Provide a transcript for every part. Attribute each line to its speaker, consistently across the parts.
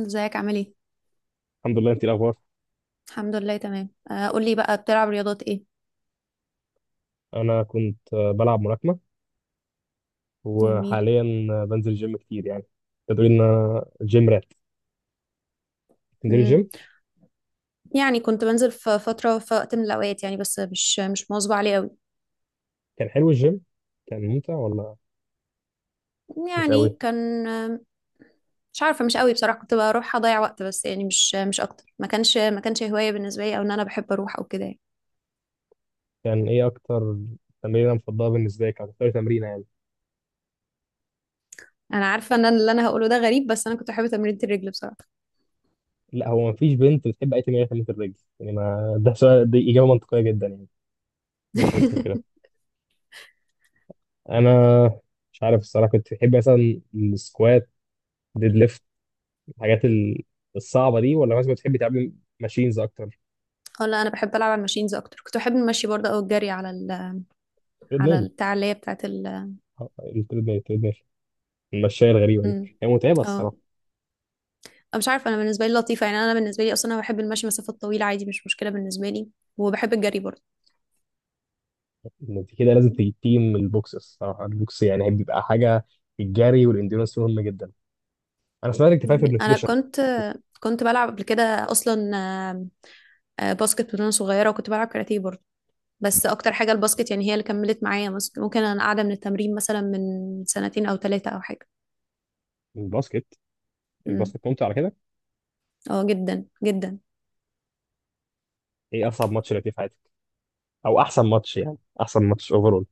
Speaker 1: ازيك عامل ايه؟
Speaker 2: الحمد لله. انت إيه الاخبار؟
Speaker 1: الحمد لله تمام. قولي بقى، بتلعب رياضات ايه؟
Speaker 2: انا كنت بلعب ملاكمه،
Speaker 1: جميل.
Speaker 2: وحاليا بنزل جيم كتير يعني. تقدر ان انا جيم رات؟ تنزلي
Speaker 1: مم.
Speaker 2: الجيم؟
Speaker 1: يعني كنت بنزل في فترة، في وقت من الأوقات يعني، بس مش مواظبة عليه قوي.
Speaker 2: كان حلو الجيم؟ كان ممتع ولا مش قوي؟
Speaker 1: يعني كان مش عارفة، مش قوي بصراحة، كنت بروح أضيع وقت بس، يعني مش أكتر. ما كانش هواية بالنسبة لي، أو إن أنا بحب أروح أو كده يعني.
Speaker 2: كان ايه اكتر تمرينه مفضله بالنسبه لك، او اكتر تمرينه يعني؟
Speaker 1: أنا عارفة إن أنا اللي أنا هقوله ده غريب، بس أنا كنت بحب تمرينة الرجل بصراحة.
Speaker 2: لا، هو مفيش بنت بتحب اي تمرينه تمرينه الرجل يعني، ما ده سؤال، دي اجابه منطقيه جدا يعني. بس مش مشكله. انا مش عارف الصراحه، كنت بتحب مثلا السكوات، ديد ليفت، الحاجات الصعبه دي، ولا مثلا بتحبي تعملي ماشينز اكتر؟
Speaker 1: اه، لا أنا بحب ألعب على الماشينز أكتر، كنت بحب المشي برضه أو الجري على ال، على
Speaker 2: تريدميل.
Speaker 1: البتاع اللي هي بتاعت ال.
Speaker 2: التريدميل، المشاية الغريبة دي.
Speaker 1: مم.
Speaker 2: هي متعبة
Speaker 1: أه.
Speaker 2: الصراحة.
Speaker 1: مش عارفه انا، بالنسبه لي لطيفه يعني، انا بالنسبه لي اصلا انا بحب المشي مسافات طويله عادي، مش مشكله بالنسبه لي، وبحب الجري برضه.
Speaker 2: انت كده لازم تيجي تيم البوكس الصراحة، البوكس يعني بيبقى حاجة، الجري والانديورنس مهم جدا. انا سمعت انك في
Speaker 1: يعني انا
Speaker 2: النيوتريشن.
Speaker 1: كنت، كنت بلعب قبل كده اصلا باسكت وانا صغيره، وكنت بلعب كاراتيه برضه. بس اكتر حاجه الباسكت، يعني هي اللي كملت معايا. ممكن انا قاعده من التمرين مثلا من 2 سنين او 3 او حاجه.
Speaker 2: الباسكت؟
Speaker 1: امم.
Speaker 2: الباسكت ممتع على كده؟
Speaker 1: اه جدا جدا.
Speaker 2: ايه اصعب ماتش لعبتيه في حياتك، او احسن ماتش يعني، احسن ماتش اوفرول؟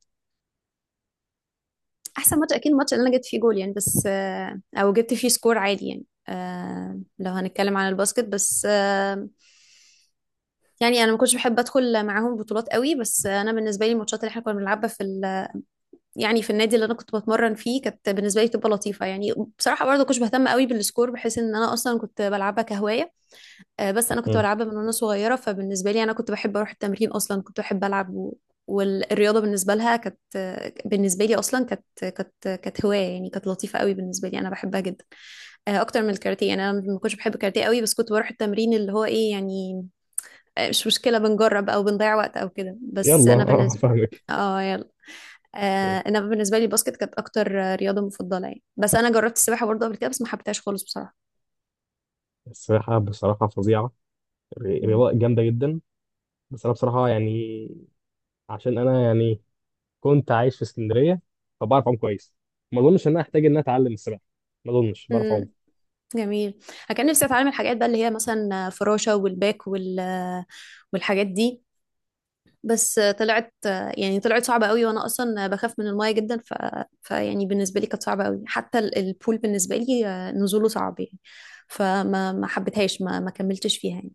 Speaker 1: احسن ماتش اكيد الماتش اللي انا جبت فيه جول يعني، بس او جبت فيه سكور عادي يعني. لو هنتكلم عن الباسكت بس. يعني انا ما كنتش بحب ادخل معاهم بطولات قوي، بس انا بالنسبه لي الماتشات اللي احنا كنا بنلعبها في ال... يعني في النادي اللي انا كنت بتمرن فيه، كانت بالنسبه لي تبقى لطيفه يعني، بصراحه برضه كنتش بهتم قوي بالسكور، بحيث ان انا اصلا كنت بلعبها كهوايه. بس انا كنت
Speaker 2: مم.
Speaker 1: بلعبها من وانا صغيره، فبالنسبه لي انا كنت بحب اروح التمرين اصلا، كنت بحب العب و... والرياضه بالنسبه لها كانت، بالنسبه لي اصلا كانت كانت هوايه يعني، كانت لطيفه قوي بالنسبه لي، انا بحبها جدا. اكتر من الكاراتيه، يعني انا ما كنتش بحب الكاراتيه قوي، بس كنت بروح التمرين اللي هو ايه يعني، مش مشكلة، بنجرب أو بنضيع وقت أو كده، بس
Speaker 2: يلا
Speaker 1: أنا
Speaker 2: اه
Speaker 1: بالنسبة.
Speaker 2: فاهمك.
Speaker 1: اه يلا.
Speaker 2: مم.
Speaker 1: أنا بالنسبة لي الباسكت كانت أكتر رياضة مفضلة يعني، بس أنا جربت السباحة برضه قبل كده، بس ما حبيتهاش خالص بصراحة.
Speaker 2: السباحة بصراحة فظيعة،
Speaker 1: مم.
Speaker 2: رياضة جامدة جدا. بس انا بصراحة يعني، عشان انا يعني كنت عايش في اسكندرية، فبعرف اعوم كويس. ما اظنش ان انا احتاج ان انا اتعلم السباحة، ما اظنش، بعرف اعوم.
Speaker 1: مم. جميل. أنا كان نفسي أتعلم الحاجات بقى اللي هي مثلا فراشة والباك وال والحاجات دي. بس آه، طلعت آه، يعني طلعت صعبة قوي، وأنا أصلا بخاف من الماية جدا، ف... فيعني بالنسبة لي كانت صعبة قوي، حتى البول بالنسبة لي نزوله صعب يعني. فما ما حبيتهاش، ما كملتش فيها يعني.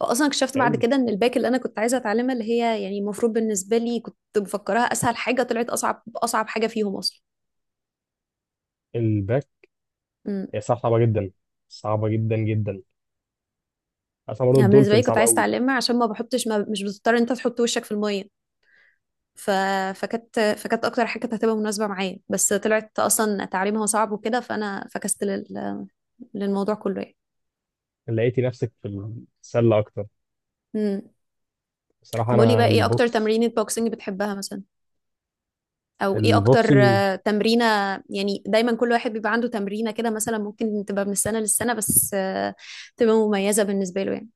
Speaker 1: اصلا اكتشفت بعد
Speaker 2: حلو.
Speaker 1: كده ان الباك اللي انا كنت عايزه اتعلمها، اللي هي يعني المفروض بالنسبه لي كنت مفكراها اسهل حاجه، طلعت اصعب حاجه فيهم اصلا.
Speaker 2: الباك
Speaker 1: امم.
Speaker 2: هي صعبة جدا، صعبة جدا جدا. اصلا برضه
Speaker 1: يعني بالنسبه
Speaker 2: الدولفين
Speaker 1: لي كنت
Speaker 2: صعب
Speaker 1: عايزه
Speaker 2: قوي.
Speaker 1: اتعلمها عشان ما مش بتضطر إن انت تحط وشك في الميه. ف... فكانت اكتر حاجه كانت هتبقى مناسبه معايا، بس طلعت اصلا تعليمها صعب وكده، فانا فكست لل... للموضوع كله يعني.
Speaker 2: لقيتي نفسك في السلة اكتر؟
Speaker 1: امم.
Speaker 2: بصراحة
Speaker 1: طب قولي
Speaker 2: انا
Speaker 1: بقى، ايه اكتر
Speaker 2: البوكس،
Speaker 1: تمرينة بوكسنج بتحبها مثلا، او ايه اكتر
Speaker 2: البوكسنج.
Speaker 1: تمرينة؟ يعني دايما كل واحد بيبقى عنده تمرينة كده مثلا، ممكن تبقى من السنة للسنة، بس تبقى مميزة بالنسبة له يعني.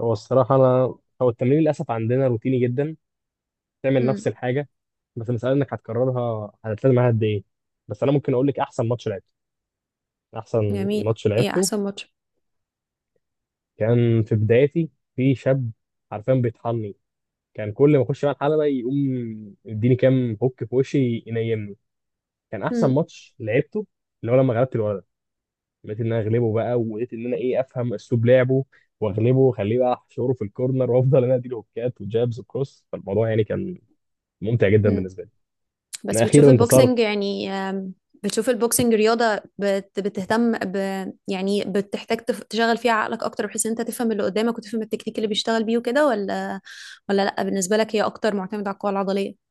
Speaker 2: هو الصراحة انا، هو التمرين للاسف عندنا روتيني جدا، تعمل نفس
Speaker 1: امم.
Speaker 2: الحاجة. بس المسألة انك هتكررها، هتلتزم معاها قد ايه. بس انا ممكن اقول لك احسن ماتش لعبته. احسن
Speaker 1: جميل،
Speaker 2: ماتش
Speaker 1: ايه
Speaker 2: لعبته
Speaker 1: احسن ماتش؟
Speaker 2: كان في بدايتي، في شاب حرفيا بيطحني، كان كل ما اخش بقى الحلبة يقوم يديني كام هوك في وشي ينيمني. كان احسن
Speaker 1: امم.
Speaker 2: ماتش لعبته اللي هو لما غلبت الولد، لقيت ان انا اغلبه بقى، ولقيت ان انا ايه، افهم اسلوب لعبه واغلبه واخليه بقى احشره في الكورنر، وافضل انا اديله هوكات وجابز وكروس، فالموضوع يعني كان ممتع جدا
Speaker 1: امم.
Speaker 2: بالنسبه لي. انا
Speaker 1: بس
Speaker 2: اخيرا
Speaker 1: بتشوف البوكسنج
Speaker 2: انتصرت.
Speaker 1: يعني بتشوف البوكسنج رياضة بتهتم ب، يعني بتحتاج تشغل فيها عقلك اكتر، بحيث ان انت تفهم اللي قدامك، وتفهم التكنيك اللي بيشتغل بيه وكده، ولا لا بالنسبة لك هي اكتر معتمدة على القوة العضلية؟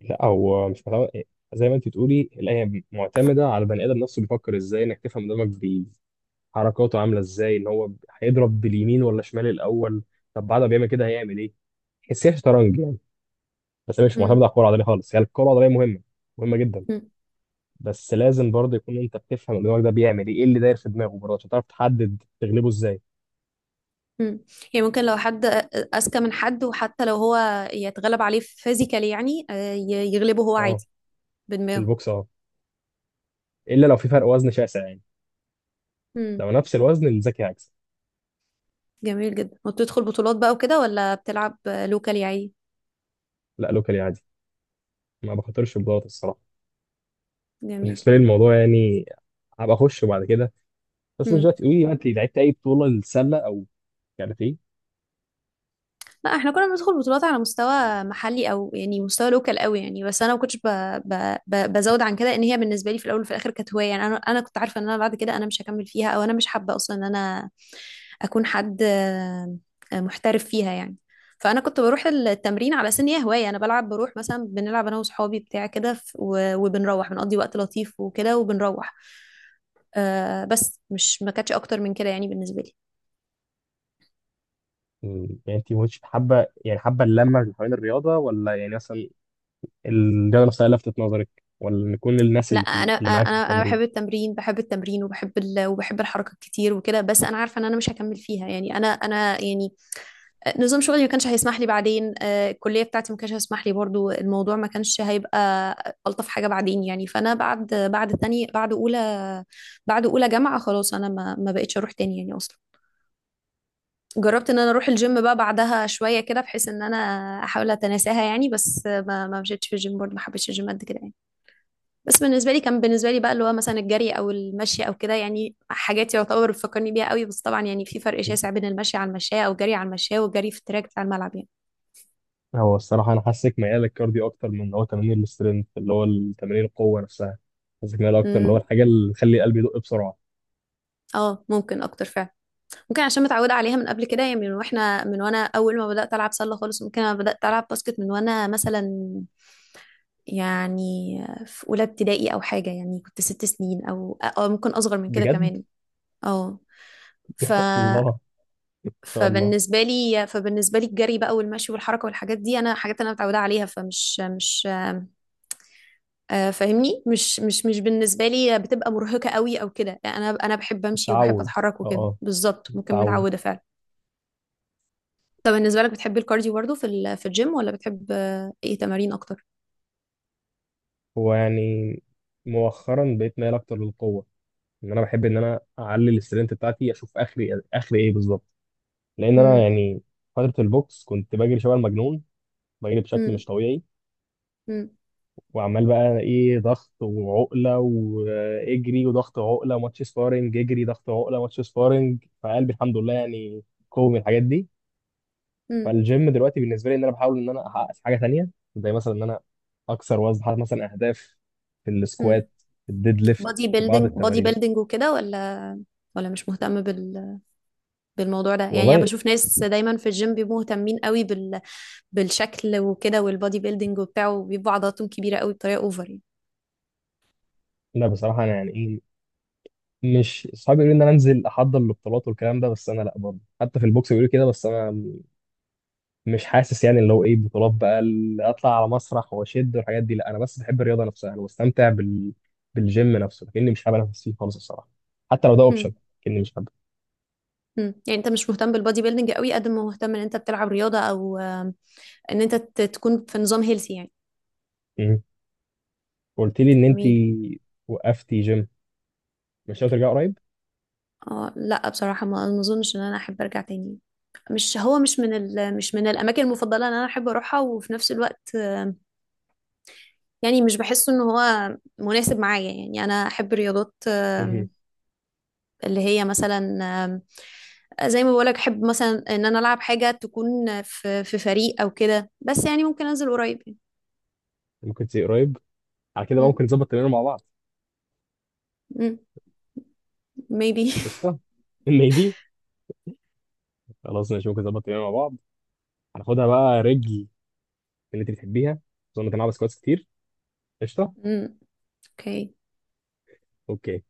Speaker 2: لا، هو مش متعود. زي ما انت تقولي الايه، معتمده على البني ادم نفسه بيفكر ازاي، انك تفهم قدامك حركاته عامله ازاي، ان هو هيضرب باليمين ولا شمال الاول، طب بعد ما بيعمل كده هيعمل ايه؟ تحسيها شطرنج يعني. بس هي مش معتمده على الكره العضليه خالص، هي يعني الكره العضليه مهمه، مهمه جدا.
Speaker 1: امم.
Speaker 2: بس لازم برضه يكون انت بتفهم الدماغ ده بيعمل ايه، ايه اللي داير في دماغه برضه، عشان تعرف تحدد تغلبه ازاي.
Speaker 1: مم. يعني ممكن لو حد أذكى من حد، وحتى لو هو يتغلب عليه فيزيكالي يعني، يغلبه هو
Speaker 2: اه،
Speaker 1: عادي
Speaker 2: في
Speaker 1: بدماغه.
Speaker 2: البوكس اه. الا لو في فرق وزن شاسع يعني.
Speaker 1: مم.
Speaker 2: لو نفس الوزن الذكي هيكسب.
Speaker 1: جميل جدا، وبتدخل بطولات بقى وكده، ولا بتلعب لوكالي عادي؟
Speaker 2: لا، لوكالي عادي. ما بخاطرش ببلاط الصراحه.
Speaker 1: جميل.
Speaker 2: بالنسبه لي الموضوع يعني، هبقى اخش بعد كده، بس مش
Speaker 1: مم.
Speaker 2: دلوقتي. قولي بقى، انت لعبت اي بطوله للسله او كاراتيه؟
Speaker 1: لا احنا كنا بندخل بطولات على مستوى محلي، او يعني مستوى لوكال قوي يعني، بس انا ما كنتش بزود عن كده، ان هي بالنسبه لي في الاول وفي الاخر كانت هوايه يعني. انا كنت عارفه ان انا بعد كده انا مش هكمل فيها، او انا مش حابه اصلا ان انا اكون حد محترف فيها يعني. فانا كنت بروح التمرين على سن هي هوايه، انا بلعب بروح مثلا، بنلعب انا وصحابي بتاع كده، وبنروح بنقضي وقت لطيف وكده، وبنروح بس مش، ما كانتش اكتر من كده يعني بالنسبه لي.
Speaker 2: مم. يعني انت مش حابه يعني، حابه اللمه اللي حوالين الرياضه، ولا يعني مثلا الرياضه نفسها لفتت نظرك، ولا نكون الناس
Speaker 1: لا
Speaker 2: اللي
Speaker 1: انا
Speaker 2: اللي معاكي في
Speaker 1: انا انا
Speaker 2: التمرين؟
Speaker 1: بحب التمرين، بحب التمرين وبحب ال... وبحب الحركه كتير وكده، بس انا عارفه ان انا مش هكمل فيها يعني. انا يعني، نظام شغلي ما كانش هيسمح لي بعدين، الكليه بتاعتي ما كانش هيسمح لي برضو، الموضوع ما كانش هيبقى الطف حاجه بعدين يعني. فانا بعد بعد تاني، بعد اولى، بعد اولى جامعه، خلاص انا ما بقتش اروح تاني يعني اصلا. جربت ان انا اروح الجيم بقى بعدها شويه كده، بحيث ان انا احاول اتناساها يعني، بس ما مشيتش في الجيم برضو، ما حبيتش الجيم قد كده يعني. بس بالنسبه لي كان، بالنسبه لي بقى اللي هو مثلا الجري او المشي او كده يعني، حاجات يعتبر بتفكرني بيها قوي. بس طبعا يعني في فرق شاسع بين المشي على المشاية، او الجري على المشاية، والجري في التراك بتاع الملعب يعني.
Speaker 2: هو الصراحة أنا حاسك ميال للكارديو أكتر من اللي هو تمارين السترينث، اللي هو تمارين القوة نفسها. حاسك ميال أكتر اللي هو
Speaker 1: امم.
Speaker 2: الحاجة اللي تخلي القلب يدق بسرعة.
Speaker 1: اه ممكن اكتر فعلا، ممكن عشان متعوده عليها من قبل كده يعني، من واحنا، من وانا اول ما بدات العب سله خالص، ممكن انا بدات العب باسكت من وانا مثلا يعني في اولى ابتدائي او حاجه يعني، كنت 6 سنين او أو ممكن اصغر من كده
Speaker 2: بجد.
Speaker 1: كمان. اه. ف
Speaker 2: يا الله، إن شاء الله.
Speaker 1: فبالنسبه لي فبالنسبه لي الجري بقى والمشي والحركه والحاجات دي، انا حاجات انا متعوده عليها، فمش مش فاهمني، مش بالنسبه لي بتبقى مرهقه قوي او كده، انا بحب امشي وبحب
Speaker 2: التعود،
Speaker 1: اتحرك
Speaker 2: أه
Speaker 1: وكده،
Speaker 2: أه،
Speaker 1: بالظبط ممكن
Speaker 2: التعود.
Speaker 1: متعوده فعلا. طب بالنسبه لك بتحب الكارديو برضه في في الجيم، ولا بتحب ايه تمارين اكتر؟
Speaker 2: هو يعني مؤخرا بقيت ميال أكتر للقوة، إن أنا بحب إن أنا أعلي السترينث بتاعتي، أشوف آخري آخري إيه بالظبط. لأن أنا
Speaker 1: امم.
Speaker 2: يعني فترة البوكس كنت بجري شبه المجنون، بجري بشكل مش
Speaker 1: امم.
Speaker 2: طبيعي، وعمال بقى ايه، ضغط وعقله واجري، وضغط عقله ماتش سبارنج، اجري ضغط عقله ماتش سبارنج، فقلبي الحمد لله يعني قوي من الحاجات دي.
Speaker 1: امم.
Speaker 2: فالجيم دلوقتي بالنسبه لي ان انا بحاول ان انا احقق في حاجه تانيه، زي مثلا ان انا اكسر وزن، حاطط مثلا اهداف في
Speaker 1: امم.
Speaker 2: السكوات، في الديد ليفت،
Speaker 1: بودي
Speaker 2: في بعض
Speaker 1: بيلدينج، بودي
Speaker 2: التمارين.
Speaker 1: بيلدينج وكده ولا، ولا مش مهتم بال، بالموضوع ده يعني؟ انا
Speaker 2: والله
Speaker 1: بشوف ناس دايما في الجيم بيبقوا مهتمين قوي بالشكل وكده، والبودي بيلدينج وبتاعه، وبيبقوا عضلاتهم كبيره قوي بطريقه اوفر يعني.
Speaker 2: لا بصراحه، انا يعني ايه، مش صعب يقولوا ان انا انزل احضر البطولات والكلام ده، بس انا لا، برضه حتى في البوكس بيقولوا كده، بس انا مش حاسس يعني اللي هو ايه، بطولات بقى اللي اطلع على مسرح واشد والحاجات دي، لا انا بس بحب الرياضه نفسها، انا بستمتع بالجيم نفسه، لكني مش حابب انافس فيه خالص الصراحه. حتى لو ده
Speaker 1: مم.
Speaker 2: اوبشن، لكني مش حابب.
Speaker 1: مم. يعني انت مش مهتم بالبودي بيلدينج قوي، قد ما مهتم ان انت بتلعب رياضه، او ان انت تكون في نظام هيلثي يعني.
Speaker 2: مم. قلت لي ان انت
Speaker 1: جميل.
Speaker 2: وقفتي جيم، مش ناوي ترجعي قريب؟
Speaker 1: اه لا بصراحه، ما اظنش ان انا احب ارجع تاني. مش، هو مش من ال... مش من الاماكن المفضله ان انا احب اروحها، وفي نفس الوقت يعني مش بحس ان هو مناسب معايا يعني. انا احب رياضات
Speaker 2: مهم.
Speaker 1: اللي هي مثلا آم، زي ما بقولك، احب مثلا ان انا العب حاجه تكون في في فريق او كده، بس يعني ممكن انزل قريب يعني.
Speaker 2: ممكن تيجي قريب، على كده بقى
Speaker 1: مم.
Speaker 2: ممكن نظبط تمرين مع بعض.
Speaker 1: مم. maybe.
Speaker 2: قشطه. ميبي. خلاص ماشي، ممكن نظبط تمرين مع بعض. هناخدها بقى رجل، اللي انت بتحبيها. اظن انت بسكواتس كتير. قشطه.
Speaker 1: مم. okay.
Speaker 2: اوكي.